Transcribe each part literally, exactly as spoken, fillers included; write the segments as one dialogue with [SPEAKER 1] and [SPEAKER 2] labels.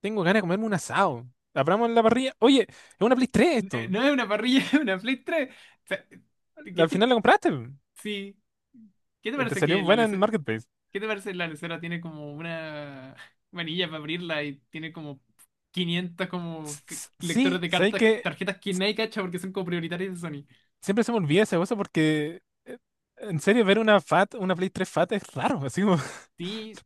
[SPEAKER 1] Tengo ganas de comerme un asado. Abramos la parrilla. Oye, es una Play tres
[SPEAKER 2] Eh,
[SPEAKER 1] esto.
[SPEAKER 2] No es una parrilla, es una Play tres. O sea, ¿qué,
[SPEAKER 1] Al
[SPEAKER 2] chi-
[SPEAKER 1] final la compraste.
[SPEAKER 2] sí. ¿Qué te
[SPEAKER 1] Eh, Te
[SPEAKER 2] parece
[SPEAKER 1] salió
[SPEAKER 2] que la
[SPEAKER 1] buena en
[SPEAKER 2] lece-
[SPEAKER 1] Marketplace.
[SPEAKER 2] ¿Qué te parece la lecera tiene como una manilla para abrirla y tiene como quinientos como
[SPEAKER 1] S-
[SPEAKER 2] que-
[SPEAKER 1] s-
[SPEAKER 2] lectores
[SPEAKER 1] Sí,
[SPEAKER 2] de
[SPEAKER 1] sabes
[SPEAKER 2] cartas,
[SPEAKER 1] que
[SPEAKER 2] tarjetas que nadie cacha porque son como prioritarias de Sony?
[SPEAKER 1] siempre se me olvida esa cosa porque eh, en serio ver una FAT, una Play tres FAT es raro. Así como,
[SPEAKER 2] Sí,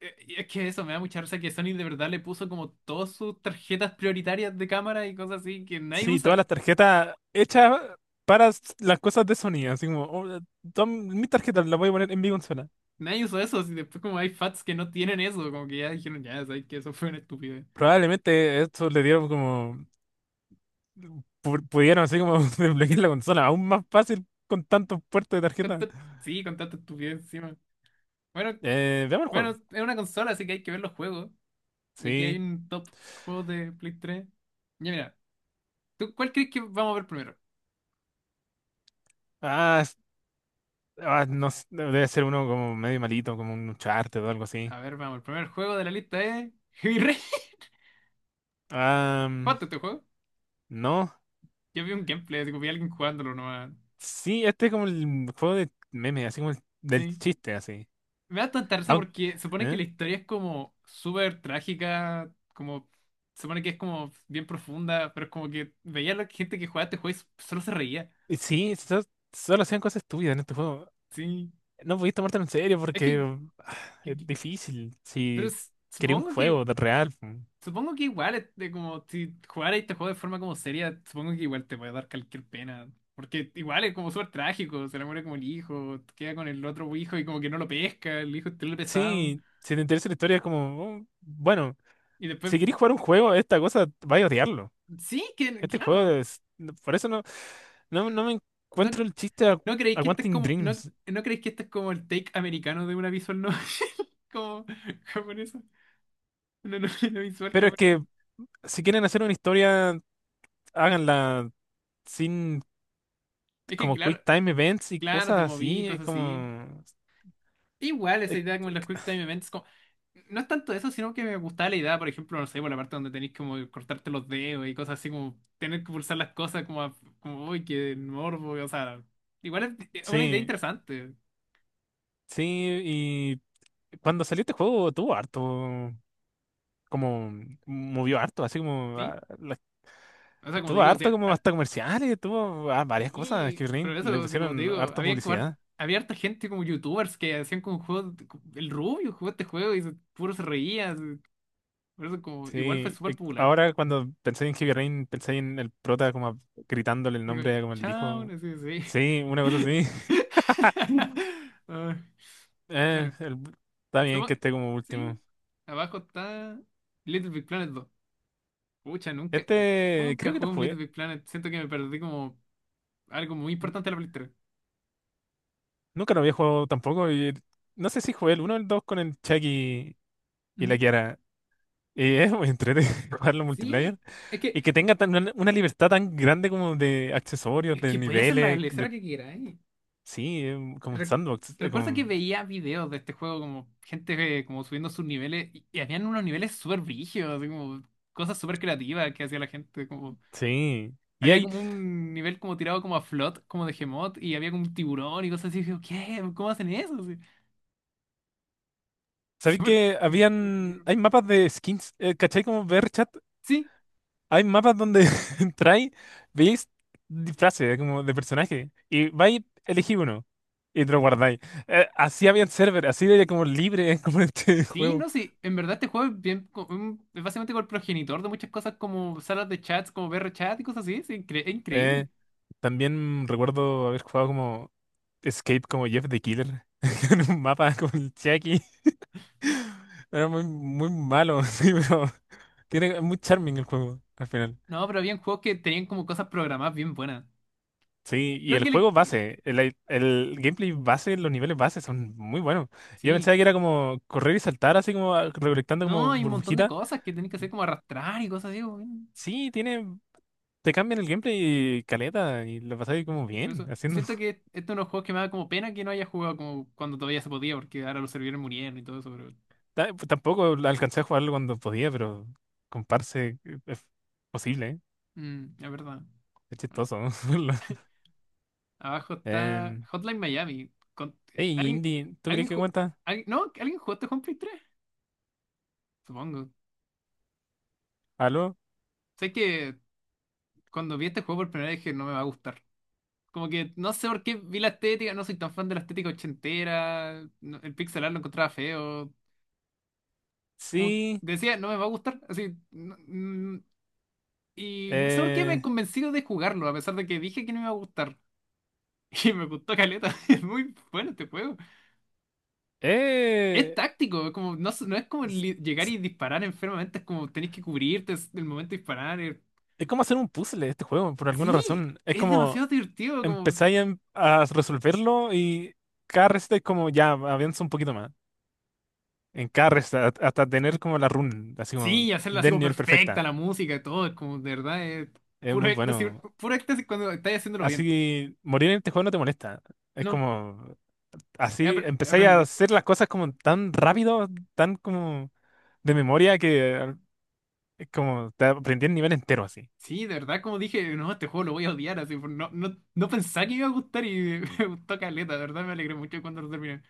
[SPEAKER 2] eh, y es que eso me da mucha risa que Sony de verdad le puso como todas sus tarjetas prioritarias de cámara y cosas así que nadie
[SPEAKER 1] sí, todas
[SPEAKER 2] usa.
[SPEAKER 1] las tarjetas hechas para s- las cosas de Sony. Así como, oh, eh, todas mis tarjetas las voy a poner en mi consola.
[SPEAKER 2] Nadie usa eso, y después como hay fats que no tienen eso, como que ya dijeron, ya sabes que eso fue una estupidez.
[SPEAKER 1] Probablemente esto le dieron como, pu- pudieron así como desbloquear la consola aún más fácil con tantos puertos de tarjeta.
[SPEAKER 2] Tanta- Sí, con tanta estupidez encima. Bueno, eh,
[SPEAKER 1] Eh, veamos el
[SPEAKER 2] bueno,
[SPEAKER 1] juego.
[SPEAKER 2] es una consola, así que hay que ver los juegos. Y aquí hay
[SPEAKER 1] Sí.
[SPEAKER 2] un top juegos de Play tres. Ya mira, ¿tú cuál crees que vamos a ver primero?
[SPEAKER 1] Ah, es- ah, no, s- debe ser uno como medio malito, como un Uncharted o algo así.
[SPEAKER 2] A ver, vamos, el primer juego de la lista es Heavy Rain.
[SPEAKER 1] Ah, mm,
[SPEAKER 2] ¿Cuánto este juego?
[SPEAKER 1] no.
[SPEAKER 2] Yo vi un gameplay, así que vi a alguien jugándolo nomás.
[SPEAKER 1] Sí, este es como el juego de meme, así como el- del
[SPEAKER 2] Sí.
[SPEAKER 1] chiste, así.
[SPEAKER 2] Me da tanta risa
[SPEAKER 1] Aunque,
[SPEAKER 2] porque se supone que
[SPEAKER 1] ¿eh?
[SPEAKER 2] la historia es como súper trágica, como se supone que es como bien profunda, pero es como que veía a la gente que jugaba este juego y solo se reía.
[SPEAKER 1] Y sí, so- solo hacían cosas estúpidas en este juego.
[SPEAKER 2] Sí.
[SPEAKER 1] No podías tomártelo en serio
[SPEAKER 2] Es
[SPEAKER 1] porque
[SPEAKER 2] que
[SPEAKER 1] ah, es
[SPEAKER 2] que-
[SPEAKER 1] difícil.
[SPEAKER 2] Pero
[SPEAKER 1] Si
[SPEAKER 2] s-
[SPEAKER 1] quería un
[SPEAKER 2] supongo que,
[SPEAKER 1] juego de real. Mm.
[SPEAKER 2] supongo que igual, este, como si jugaras este juego de forma como seria, supongo que igual te puede dar cualquier pena. Porque igual es como súper trágico, se le muere como el hijo, queda con el otro hijo y como que no lo pesca, el hijo es terrible pesado.
[SPEAKER 1] Sí, si te interesa la historia, es como, oh, bueno,
[SPEAKER 2] Y después,
[SPEAKER 1] si querés jugar un juego, esta cosa, vaya a odiarlo.
[SPEAKER 2] sí, que
[SPEAKER 1] Este juego
[SPEAKER 2] claro,
[SPEAKER 1] es... Por eso no, no, no me
[SPEAKER 2] no,
[SPEAKER 1] encuentro
[SPEAKER 2] cre-
[SPEAKER 1] el chiste a,
[SPEAKER 2] no creéis
[SPEAKER 1] a
[SPEAKER 2] que este es
[SPEAKER 1] Quantum
[SPEAKER 2] como, no,
[SPEAKER 1] Dreams.
[SPEAKER 2] no creéis que este es como el take americano de una visual novel, como japonesa, una novela visual
[SPEAKER 1] Pero es
[SPEAKER 2] japonesa.
[SPEAKER 1] que si quieren hacer una historia, háganla sin
[SPEAKER 2] Es que
[SPEAKER 1] como
[SPEAKER 2] claro,
[SPEAKER 1] quick time events y
[SPEAKER 2] claro,
[SPEAKER 1] cosas
[SPEAKER 2] te moví,
[SPEAKER 1] así. Es
[SPEAKER 2] cosas así.
[SPEAKER 1] como...
[SPEAKER 2] Igual
[SPEAKER 1] eh,
[SPEAKER 2] esa idea como en
[SPEAKER 1] c-
[SPEAKER 2] los
[SPEAKER 1] c-
[SPEAKER 2] quicktime time events, como, no es tanto eso, sino que me gustaba la idea, por ejemplo, no sé, por la parte donde tenéis como cortarte los dedos y cosas así, como tener que pulsar las cosas como, a- como uy, qué morbo, o sea, igual es es una idea
[SPEAKER 1] Sí,
[SPEAKER 2] interesante.
[SPEAKER 1] sí. Y cuando salió este juego tuvo harto... Como movió harto, así como
[SPEAKER 2] ¿Sí?
[SPEAKER 1] ah, la-
[SPEAKER 2] O sea, como te
[SPEAKER 1] tuvo
[SPEAKER 2] digo, o
[SPEAKER 1] harto
[SPEAKER 2] sea,
[SPEAKER 1] como
[SPEAKER 2] a-
[SPEAKER 1] hasta comerciales, tuvo ah, varias cosas que
[SPEAKER 2] y-
[SPEAKER 1] Ring
[SPEAKER 2] pero eso,
[SPEAKER 1] le
[SPEAKER 2] o sea, como te
[SPEAKER 1] pusieron
[SPEAKER 2] digo,
[SPEAKER 1] harta
[SPEAKER 2] había, como har-
[SPEAKER 1] publicidad.
[SPEAKER 2] había harta gente como youtubers que hacían como juegos, el Rubio jugó este juego y se- puro se reía, por eso como, igual fue
[SPEAKER 1] Sí, eh,
[SPEAKER 2] súper popular.
[SPEAKER 1] ahora cuando pensé en Heavy Rain, pensé en el prota como gritándole el
[SPEAKER 2] Digo,
[SPEAKER 1] nombre como el
[SPEAKER 2] chao,
[SPEAKER 1] hijo.
[SPEAKER 2] no sé sí.
[SPEAKER 1] Sí, una cosa así.
[SPEAKER 2] Ah,
[SPEAKER 1] Eh,
[SPEAKER 2] bueno,
[SPEAKER 1] el- Está bien
[SPEAKER 2] supongo-
[SPEAKER 1] que esté como
[SPEAKER 2] sí,
[SPEAKER 1] último.
[SPEAKER 2] abajo está Little Big Planet dos. Pucha, nunca,
[SPEAKER 1] Este,
[SPEAKER 2] nunca
[SPEAKER 1] creo que lo
[SPEAKER 2] jugué un Little
[SPEAKER 1] jugué.
[SPEAKER 2] Big Planet. Siento que me perdí como algo muy
[SPEAKER 1] N-
[SPEAKER 2] importante de la Play tres.
[SPEAKER 1] Nunca lo había jugado tampoco. Y el- no sé si jugué el uno o el dos con el Chucky y la
[SPEAKER 2] ¿Mm?
[SPEAKER 1] Kiara. Y es muy entretenido jugarlo
[SPEAKER 2] Sí,
[SPEAKER 1] multiplayer.
[SPEAKER 2] es que,
[SPEAKER 1] Y que tenga tan- una una libertad tan grande como de accesorios,
[SPEAKER 2] es
[SPEAKER 1] de
[SPEAKER 2] que podía hacer la
[SPEAKER 1] niveles,
[SPEAKER 2] lesera
[SPEAKER 1] de...
[SPEAKER 2] que quiera, ¿eh?
[SPEAKER 1] Sí, es un- como un
[SPEAKER 2] Re-
[SPEAKER 1] sandbox. Es
[SPEAKER 2] Recuerdo que
[SPEAKER 1] como...
[SPEAKER 2] veía videos de este juego como gente eh, como subiendo sus niveles y, y habían unos niveles súper brígidos, así como cosas súper creativas que hacía la gente, como.
[SPEAKER 1] Sí. Y
[SPEAKER 2] Había
[SPEAKER 1] hay
[SPEAKER 2] como un nivel como tirado como a Flood, como de Gemot, y había como un tiburón y cosas así. Y dije, ¿qué? ¿Cómo hacen eso? Sí.
[SPEAKER 1] ¿Sabéis
[SPEAKER 2] súper-
[SPEAKER 1] que habían? Hay mapas de skins, eh, ¿cachai? Como ver chat.
[SPEAKER 2] Sí,
[SPEAKER 1] Hay mapas donde entráis, veis disfraces, eh, como de personaje. Y vais, elegís uno. Y te lo guardáis. Eh, así había en server, así de como libre, eh, como en este
[SPEAKER 2] sí,
[SPEAKER 1] juego.
[SPEAKER 2] no, sí. En verdad este juego es bien, co- un- es básicamente como el progenitor de muchas cosas como salas de chats, como V R chat y cosas así. Es, incre- es increíble.
[SPEAKER 1] Eh, También recuerdo haber jugado como Escape como Jeff the Killer. En un mapa con el Chucky. Era muy, muy malo, sí, pero tiene muy charming el juego al final.
[SPEAKER 2] No, pero había juegos que tenían como cosas programadas bien buenas.
[SPEAKER 1] Sí, y
[SPEAKER 2] Creo
[SPEAKER 1] el
[SPEAKER 2] que le-
[SPEAKER 1] juego
[SPEAKER 2] que-
[SPEAKER 1] base, el, ai- el gameplay base, los niveles base son muy buenos. Yo
[SPEAKER 2] sí.
[SPEAKER 1] pensaba que era como correr y saltar, así como ah, recolectando
[SPEAKER 2] No,
[SPEAKER 1] como
[SPEAKER 2] hay un montón de
[SPEAKER 1] burbujita.
[SPEAKER 2] cosas que tenés que hacer como arrastrar y cosas así.
[SPEAKER 1] Sí, tiene, te cambian el gameplay caleta y lo pasáis como
[SPEAKER 2] Por
[SPEAKER 1] bien,
[SPEAKER 2] eso,
[SPEAKER 1] haciendo.
[SPEAKER 2] siento que este es uno de los juegos que me da como pena que no haya jugado como cuando todavía se podía, porque ahora los servidores murieron y todo eso, pero
[SPEAKER 1] Ta- Tampoco lo alcancé a jugarlo cuando podía, pero comparse es posible, ¿eh?
[SPEAKER 2] mm, es verdad.
[SPEAKER 1] Es
[SPEAKER 2] Bueno,
[SPEAKER 1] chistoso. Lo-
[SPEAKER 2] abajo está
[SPEAKER 1] Em,
[SPEAKER 2] Hotline Miami. Con-
[SPEAKER 1] hey,
[SPEAKER 2] ¿alguien,
[SPEAKER 1] Indy, ¿tú
[SPEAKER 2] alguien,
[SPEAKER 1] crees que
[SPEAKER 2] ju-
[SPEAKER 1] cuenta?
[SPEAKER 2] alguien- no, ¿Alguien jugó este juego en Play tres? Supongo.
[SPEAKER 1] ¿Aló?
[SPEAKER 2] Sé que cuando vi este juego por primera vez dije no me va a gustar. Como que no sé por qué vi la estética, no soy tan fan de la estética ochentera, no- el pixel art lo encontraba feo. Como
[SPEAKER 1] Sí.
[SPEAKER 2] decía, no me va a gustar, así, no- mm, Y no sé por qué me he
[SPEAKER 1] eh,
[SPEAKER 2] convencido de jugarlo, a pesar de que dije que no me iba a gustar. Y me gustó caleta, es muy bueno este juego. Es
[SPEAKER 1] eh.
[SPEAKER 2] táctico, es como, no, es- no es como li- llegar y disparar enfermamente, es como tenés que cubrirte es el momento de disparar. es-
[SPEAKER 1] Es como hacer un puzzle este juego, por alguna
[SPEAKER 2] Sí,
[SPEAKER 1] razón. Es
[SPEAKER 2] es
[SPEAKER 1] como
[SPEAKER 2] demasiado divertido, como,
[SPEAKER 1] empezáis a, em- a resolverlo y cada receta es como ya avanza un poquito más. En cada receta, hasta hasta tener como la run, así como
[SPEAKER 2] sí, hacerla así
[SPEAKER 1] del
[SPEAKER 2] como
[SPEAKER 1] nivel
[SPEAKER 2] perfecta,
[SPEAKER 1] perfecta.
[SPEAKER 2] la música y todo, es como, de verdad, es
[SPEAKER 1] Es
[SPEAKER 2] puro
[SPEAKER 1] muy
[SPEAKER 2] éxtasis,
[SPEAKER 1] bueno.
[SPEAKER 2] puro éxtasis cuando estás haciéndolo bien.
[SPEAKER 1] Así, morir en este juego no te molesta. Es
[SPEAKER 2] No,
[SPEAKER 1] como,
[SPEAKER 2] he
[SPEAKER 1] así empezáis a
[SPEAKER 2] aprendido.
[SPEAKER 1] hacer las cosas como tan rápido, tan como de memoria que al- es como te aprendí el nivel entero así.
[SPEAKER 2] Sí, de verdad, como dije, no, este juego lo voy a odiar, así, por- no, no, no pensaba que me iba a gustar y me gustó caleta, de verdad, me alegré mucho cuando lo terminé.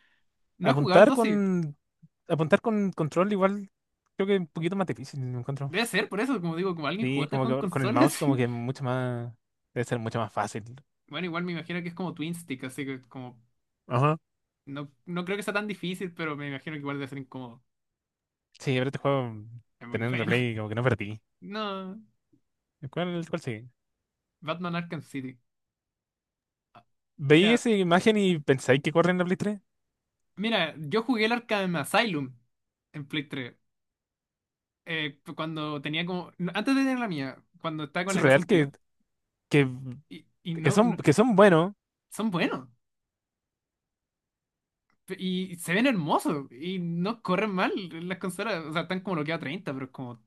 [SPEAKER 2] No he jugado el
[SPEAKER 1] Apuntar
[SPEAKER 2] dos,
[SPEAKER 1] con,
[SPEAKER 2] sí,
[SPEAKER 1] apuntar con control igual creo que es un poquito más difícil, lo encuentro.
[SPEAKER 2] debe ser, por eso, como digo, como alguien jugó
[SPEAKER 1] Sí,
[SPEAKER 2] este
[SPEAKER 1] como
[SPEAKER 2] juego en
[SPEAKER 1] que con el
[SPEAKER 2] consola.
[SPEAKER 1] mouse como
[SPEAKER 2] Así.
[SPEAKER 1] que es mucho más, debe ser mucho más fácil.
[SPEAKER 2] Bueno, igual me imagino que es como Twin Stick, así que como,
[SPEAKER 1] Ajá.
[SPEAKER 2] no, no creo que sea tan difícil, pero me imagino que igual debe ser incómodo.
[SPEAKER 1] Sí, pero este juego, mm,
[SPEAKER 2] Es muy
[SPEAKER 1] tener en la
[SPEAKER 2] bueno.
[SPEAKER 1] Play como que no perdí.
[SPEAKER 2] No,
[SPEAKER 1] ¿Cuál, cuál sigue?
[SPEAKER 2] Batman Arkham City.
[SPEAKER 1] ¿Veis
[SPEAKER 2] Mira,
[SPEAKER 1] esa imagen y pensáis que corren en la Play tres?
[SPEAKER 2] mira, yo jugué el Arkham Asylum en Play tres, eh, cuando tenía como, no, antes de tener la mía, cuando estaba con
[SPEAKER 1] Es
[SPEAKER 2] la casa de
[SPEAKER 1] real
[SPEAKER 2] un
[SPEAKER 1] que,
[SPEAKER 2] tío.
[SPEAKER 1] que,
[SPEAKER 2] Y, y
[SPEAKER 1] que
[SPEAKER 2] no,
[SPEAKER 1] son,
[SPEAKER 2] no,
[SPEAKER 1] que son buenos,
[SPEAKER 2] son buenos y se ven hermosos y no corren mal en las consolas. O sea, están como bloqueados a treinta pero es como.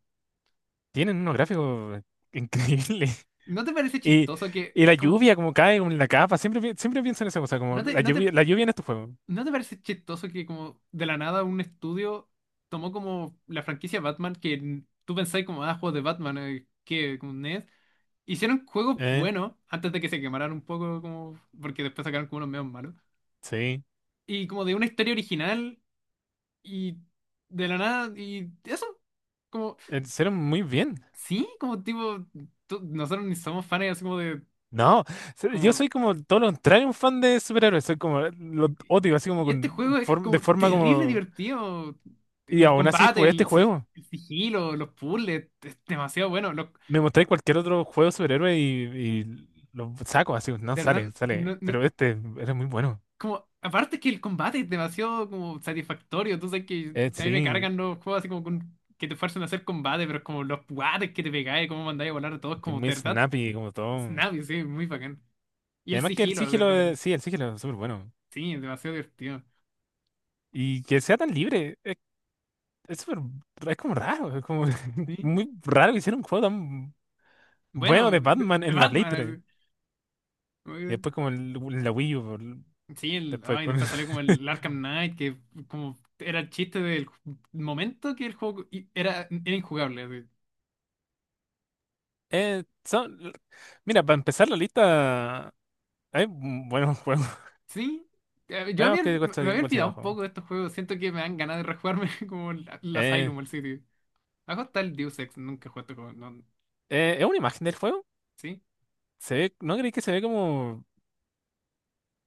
[SPEAKER 1] tienen unos gráficos increíbles.
[SPEAKER 2] ¿No te parece
[SPEAKER 1] Y,
[SPEAKER 2] chistoso que,
[SPEAKER 1] y la
[SPEAKER 2] como.
[SPEAKER 1] lluvia como cae en la capa, siempre, pi- siempre pienso en esa cosa, como
[SPEAKER 2] ¿No te,
[SPEAKER 1] la
[SPEAKER 2] no te,
[SPEAKER 1] lluvia, la lluvia en estos juegos.
[SPEAKER 2] no te parece chistoso que, como, de la nada un estudio tomó como la franquicia Batman que n- tú pensás como, ah, juegos de Batman, eh, que, como NES. Hicieron juegos
[SPEAKER 1] Eh,
[SPEAKER 2] buenos antes de que se quemaran un poco, como. Porque después sacaron como unos medios malos.
[SPEAKER 1] sí,
[SPEAKER 2] Y como de una historia original y de la nada, y eso. Como,
[SPEAKER 1] eh, hicieron muy bien.
[SPEAKER 2] sí, como tipo, tú- nosotros ni somos fans así como de,
[SPEAKER 1] No, so- yo
[SPEAKER 2] como,
[SPEAKER 1] soy como todo lo contrario, un fan de superhéroes, soy como, eh, lo odio, así como
[SPEAKER 2] y este
[SPEAKER 1] con,
[SPEAKER 2] juego es
[SPEAKER 1] form- de
[SPEAKER 2] como
[SPEAKER 1] forma
[SPEAKER 2] terrible
[SPEAKER 1] como,
[SPEAKER 2] divertido.
[SPEAKER 1] y
[SPEAKER 2] El
[SPEAKER 1] aún así
[SPEAKER 2] combate,
[SPEAKER 1] jugué este
[SPEAKER 2] el, sig-
[SPEAKER 1] juego,
[SPEAKER 2] el sigilo, los puzzles, es demasiado bueno. Los-
[SPEAKER 1] me mostré cualquier otro juego de superhéroe y, y lo saco, así, no
[SPEAKER 2] de verdad,
[SPEAKER 1] sale, sale,
[SPEAKER 2] no- no-
[SPEAKER 1] pero este era muy bueno.
[SPEAKER 2] como, aparte que el combate es demasiado como satisfactorio. Tú sabes que
[SPEAKER 1] Eh,
[SPEAKER 2] a mí me
[SPEAKER 1] sí,
[SPEAKER 2] cargan los juegos así como con- que te fuerzan a hacer combate, pero es como los guates que te pegáis, cómo mandáis a volar a todos,
[SPEAKER 1] es
[SPEAKER 2] como,
[SPEAKER 1] muy
[SPEAKER 2] de verdad,
[SPEAKER 1] snappy, como
[SPEAKER 2] es
[SPEAKER 1] todo,
[SPEAKER 2] nadie, sí, muy bacán. Y
[SPEAKER 1] y
[SPEAKER 2] el
[SPEAKER 1] además que el
[SPEAKER 2] sigilo, de
[SPEAKER 1] sigilo,
[SPEAKER 2] verdad,
[SPEAKER 1] eh,
[SPEAKER 2] como-
[SPEAKER 1] sí, el sigilo es súper bueno,
[SPEAKER 2] sí, es demasiado divertido.
[SPEAKER 1] y que sea tan libre, es es súper, es como raro, es como
[SPEAKER 2] Sí.
[SPEAKER 1] muy raro que hiciera un juego tan bueno
[SPEAKER 2] Bueno,
[SPEAKER 1] de
[SPEAKER 2] de,
[SPEAKER 1] Batman
[SPEAKER 2] de
[SPEAKER 1] en la Play
[SPEAKER 2] Batman.
[SPEAKER 1] tres.
[SPEAKER 2] Así.
[SPEAKER 1] Y
[SPEAKER 2] Muy-
[SPEAKER 1] después como el- la Wii U.
[SPEAKER 2] Sí, el,
[SPEAKER 1] Después
[SPEAKER 2] ay,
[SPEAKER 1] con...
[SPEAKER 2] después salió como el Arkham Knight, que como era el chiste del ju- momento que el juego i- era, era injugable. Así.
[SPEAKER 1] Eh, son... Mira, para empezar la lista, hay un- buenos juegos.
[SPEAKER 2] Sí, eh, yo
[SPEAKER 1] Veamos
[SPEAKER 2] había,
[SPEAKER 1] qué cuál
[SPEAKER 2] me
[SPEAKER 1] se
[SPEAKER 2] había
[SPEAKER 1] cuál se
[SPEAKER 2] olvidado un
[SPEAKER 1] bajó.
[SPEAKER 2] poco de estos juegos. Siento que me dan ganas de rejugarme como el, el
[SPEAKER 1] Eh,
[SPEAKER 2] Asylum, el City. Abajo está el Deus Ex, nunca he jugado este juego. No,
[SPEAKER 1] eh, ¿Es una imagen del juego?
[SPEAKER 2] sí,
[SPEAKER 1] ¿Se ve...? ¿No creéis que se ve como...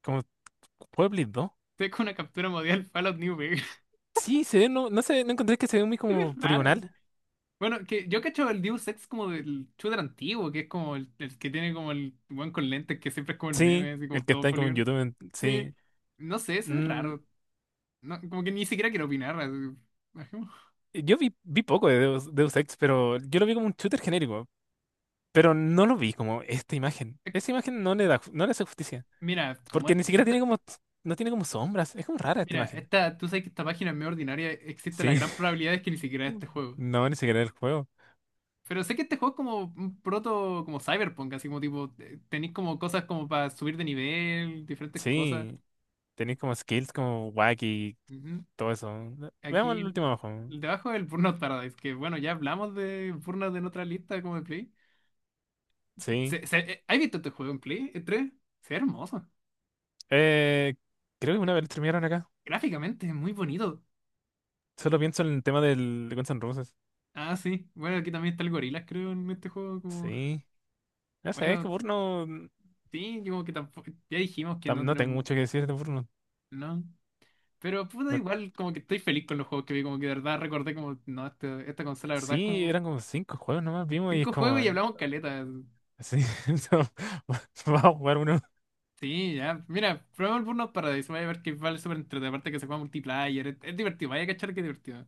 [SPEAKER 1] como juego de Play dos?
[SPEAKER 2] estoy con una captura mundial Fallout New Vegas.
[SPEAKER 1] Sí, se ve... No, no sé, ¿no encontré que se ve muy
[SPEAKER 2] Se ve
[SPEAKER 1] como
[SPEAKER 2] raro.
[SPEAKER 1] poligonal?
[SPEAKER 2] Bueno, que yo cacho el Deus Ex como del shooter antiguo, que es como el, el que tiene como el weón con lentes, que siempre es como el
[SPEAKER 1] Sí,
[SPEAKER 2] meme, así
[SPEAKER 1] el
[SPEAKER 2] como
[SPEAKER 1] que
[SPEAKER 2] todo
[SPEAKER 1] está en como en
[SPEAKER 2] polígono.
[SPEAKER 1] YouTube, en-
[SPEAKER 2] Sí,
[SPEAKER 1] sí.
[SPEAKER 2] no sé, se ve
[SPEAKER 1] Mm,
[SPEAKER 2] raro. No, como que ni siquiera quiero opinar. Así. Bajemos.
[SPEAKER 1] yo vi, vi poco de Deus, Deus Ex, pero yo lo vi como un shooter genérico. Pero no lo vi como esta imagen.
[SPEAKER 2] Eh,
[SPEAKER 1] Esa imagen no le da, ju- no le hace justicia.
[SPEAKER 2] Mira, como
[SPEAKER 1] Porque
[SPEAKER 2] es-
[SPEAKER 1] ni siquiera tiene
[SPEAKER 2] esta,
[SPEAKER 1] como... No tiene como sombras. Es como rara esta
[SPEAKER 2] mira,
[SPEAKER 1] imagen.
[SPEAKER 2] esta, tú sabes que esta página es medio ordinaria, existe la
[SPEAKER 1] Sí,
[SPEAKER 2] gran probabilidad de que ni siquiera es este juego.
[SPEAKER 1] no, ni siquiera el juego.
[SPEAKER 2] Pero sé que este juego es como un proto, como Cyberpunk, así como tipo, eh, tenéis como cosas como para subir de nivel, diferentes cosas.
[SPEAKER 1] Sí, tenéis como skills como wacky y todo eso. Veamos el
[SPEAKER 2] Aquí,
[SPEAKER 1] último ojo.
[SPEAKER 2] debajo del Burnout Paradise, que bueno, ya hablamos de Burnout en otra lista como de Play.
[SPEAKER 1] Sí.
[SPEAKER 2] Se, se- eh, ¿has visto este juego en Play tres? Se ve hermoso.
[SPEAKER 1] Eh, Creo que una
[SPEAKER 2] Eh,
[SPEAKER 1] vez lo streamearon acá.
[SPEAKER 2] Gráficamente es muy bonito.
[SPEAKER 1] Solo pienso en el tema del Guns N' Roses.
[SPEAKER 2] Ah, sí. Bueno, aquí también está el Gorilas, creo, en este juego. Como...
[SPEAKER 1] Sí. No sé, es que
[SPEAKER 2] Bueno,
[SPEAKER 1] Burno.
[SPEAKER 2] sí, como que tampoco. Ya dijimos que
[SPEAKER 1] tam-
[SPEAKER 2] no
[SPEAKER 1] No tengo
[SPEAKER 2] tenemos.
[SPEAKER 1] mucho que decir de Burno.
[SPEAKER 2] No. Pero puta,
[SPEAKER 1] Me-
[SPEAKER 2] igual, como que estoy feliz con los juegos que vi. Como que de verdad recordé, como, no, este- esta consola, de verdad, es
[SPEAKER 1] Sí,
[SPEAKER 2] como
[SPEAKER 1] eran como cinco juegos nomás vimos y es
[SPEAKER 2] cinco juegos
[SPEAKER 1] como.
[SPEAKER 2] y hablamos caleta.
[SPEAKER 1] Sí, no, vamos a jugar uno.
[SPEAKER 2] Sí, ya. Mira, probemos el Burnout Paradise. Vaya a ver que vale súper entretenido. Aparte que se juega multiplayer. Es, es divertido. Vaya a cachar que es divertido.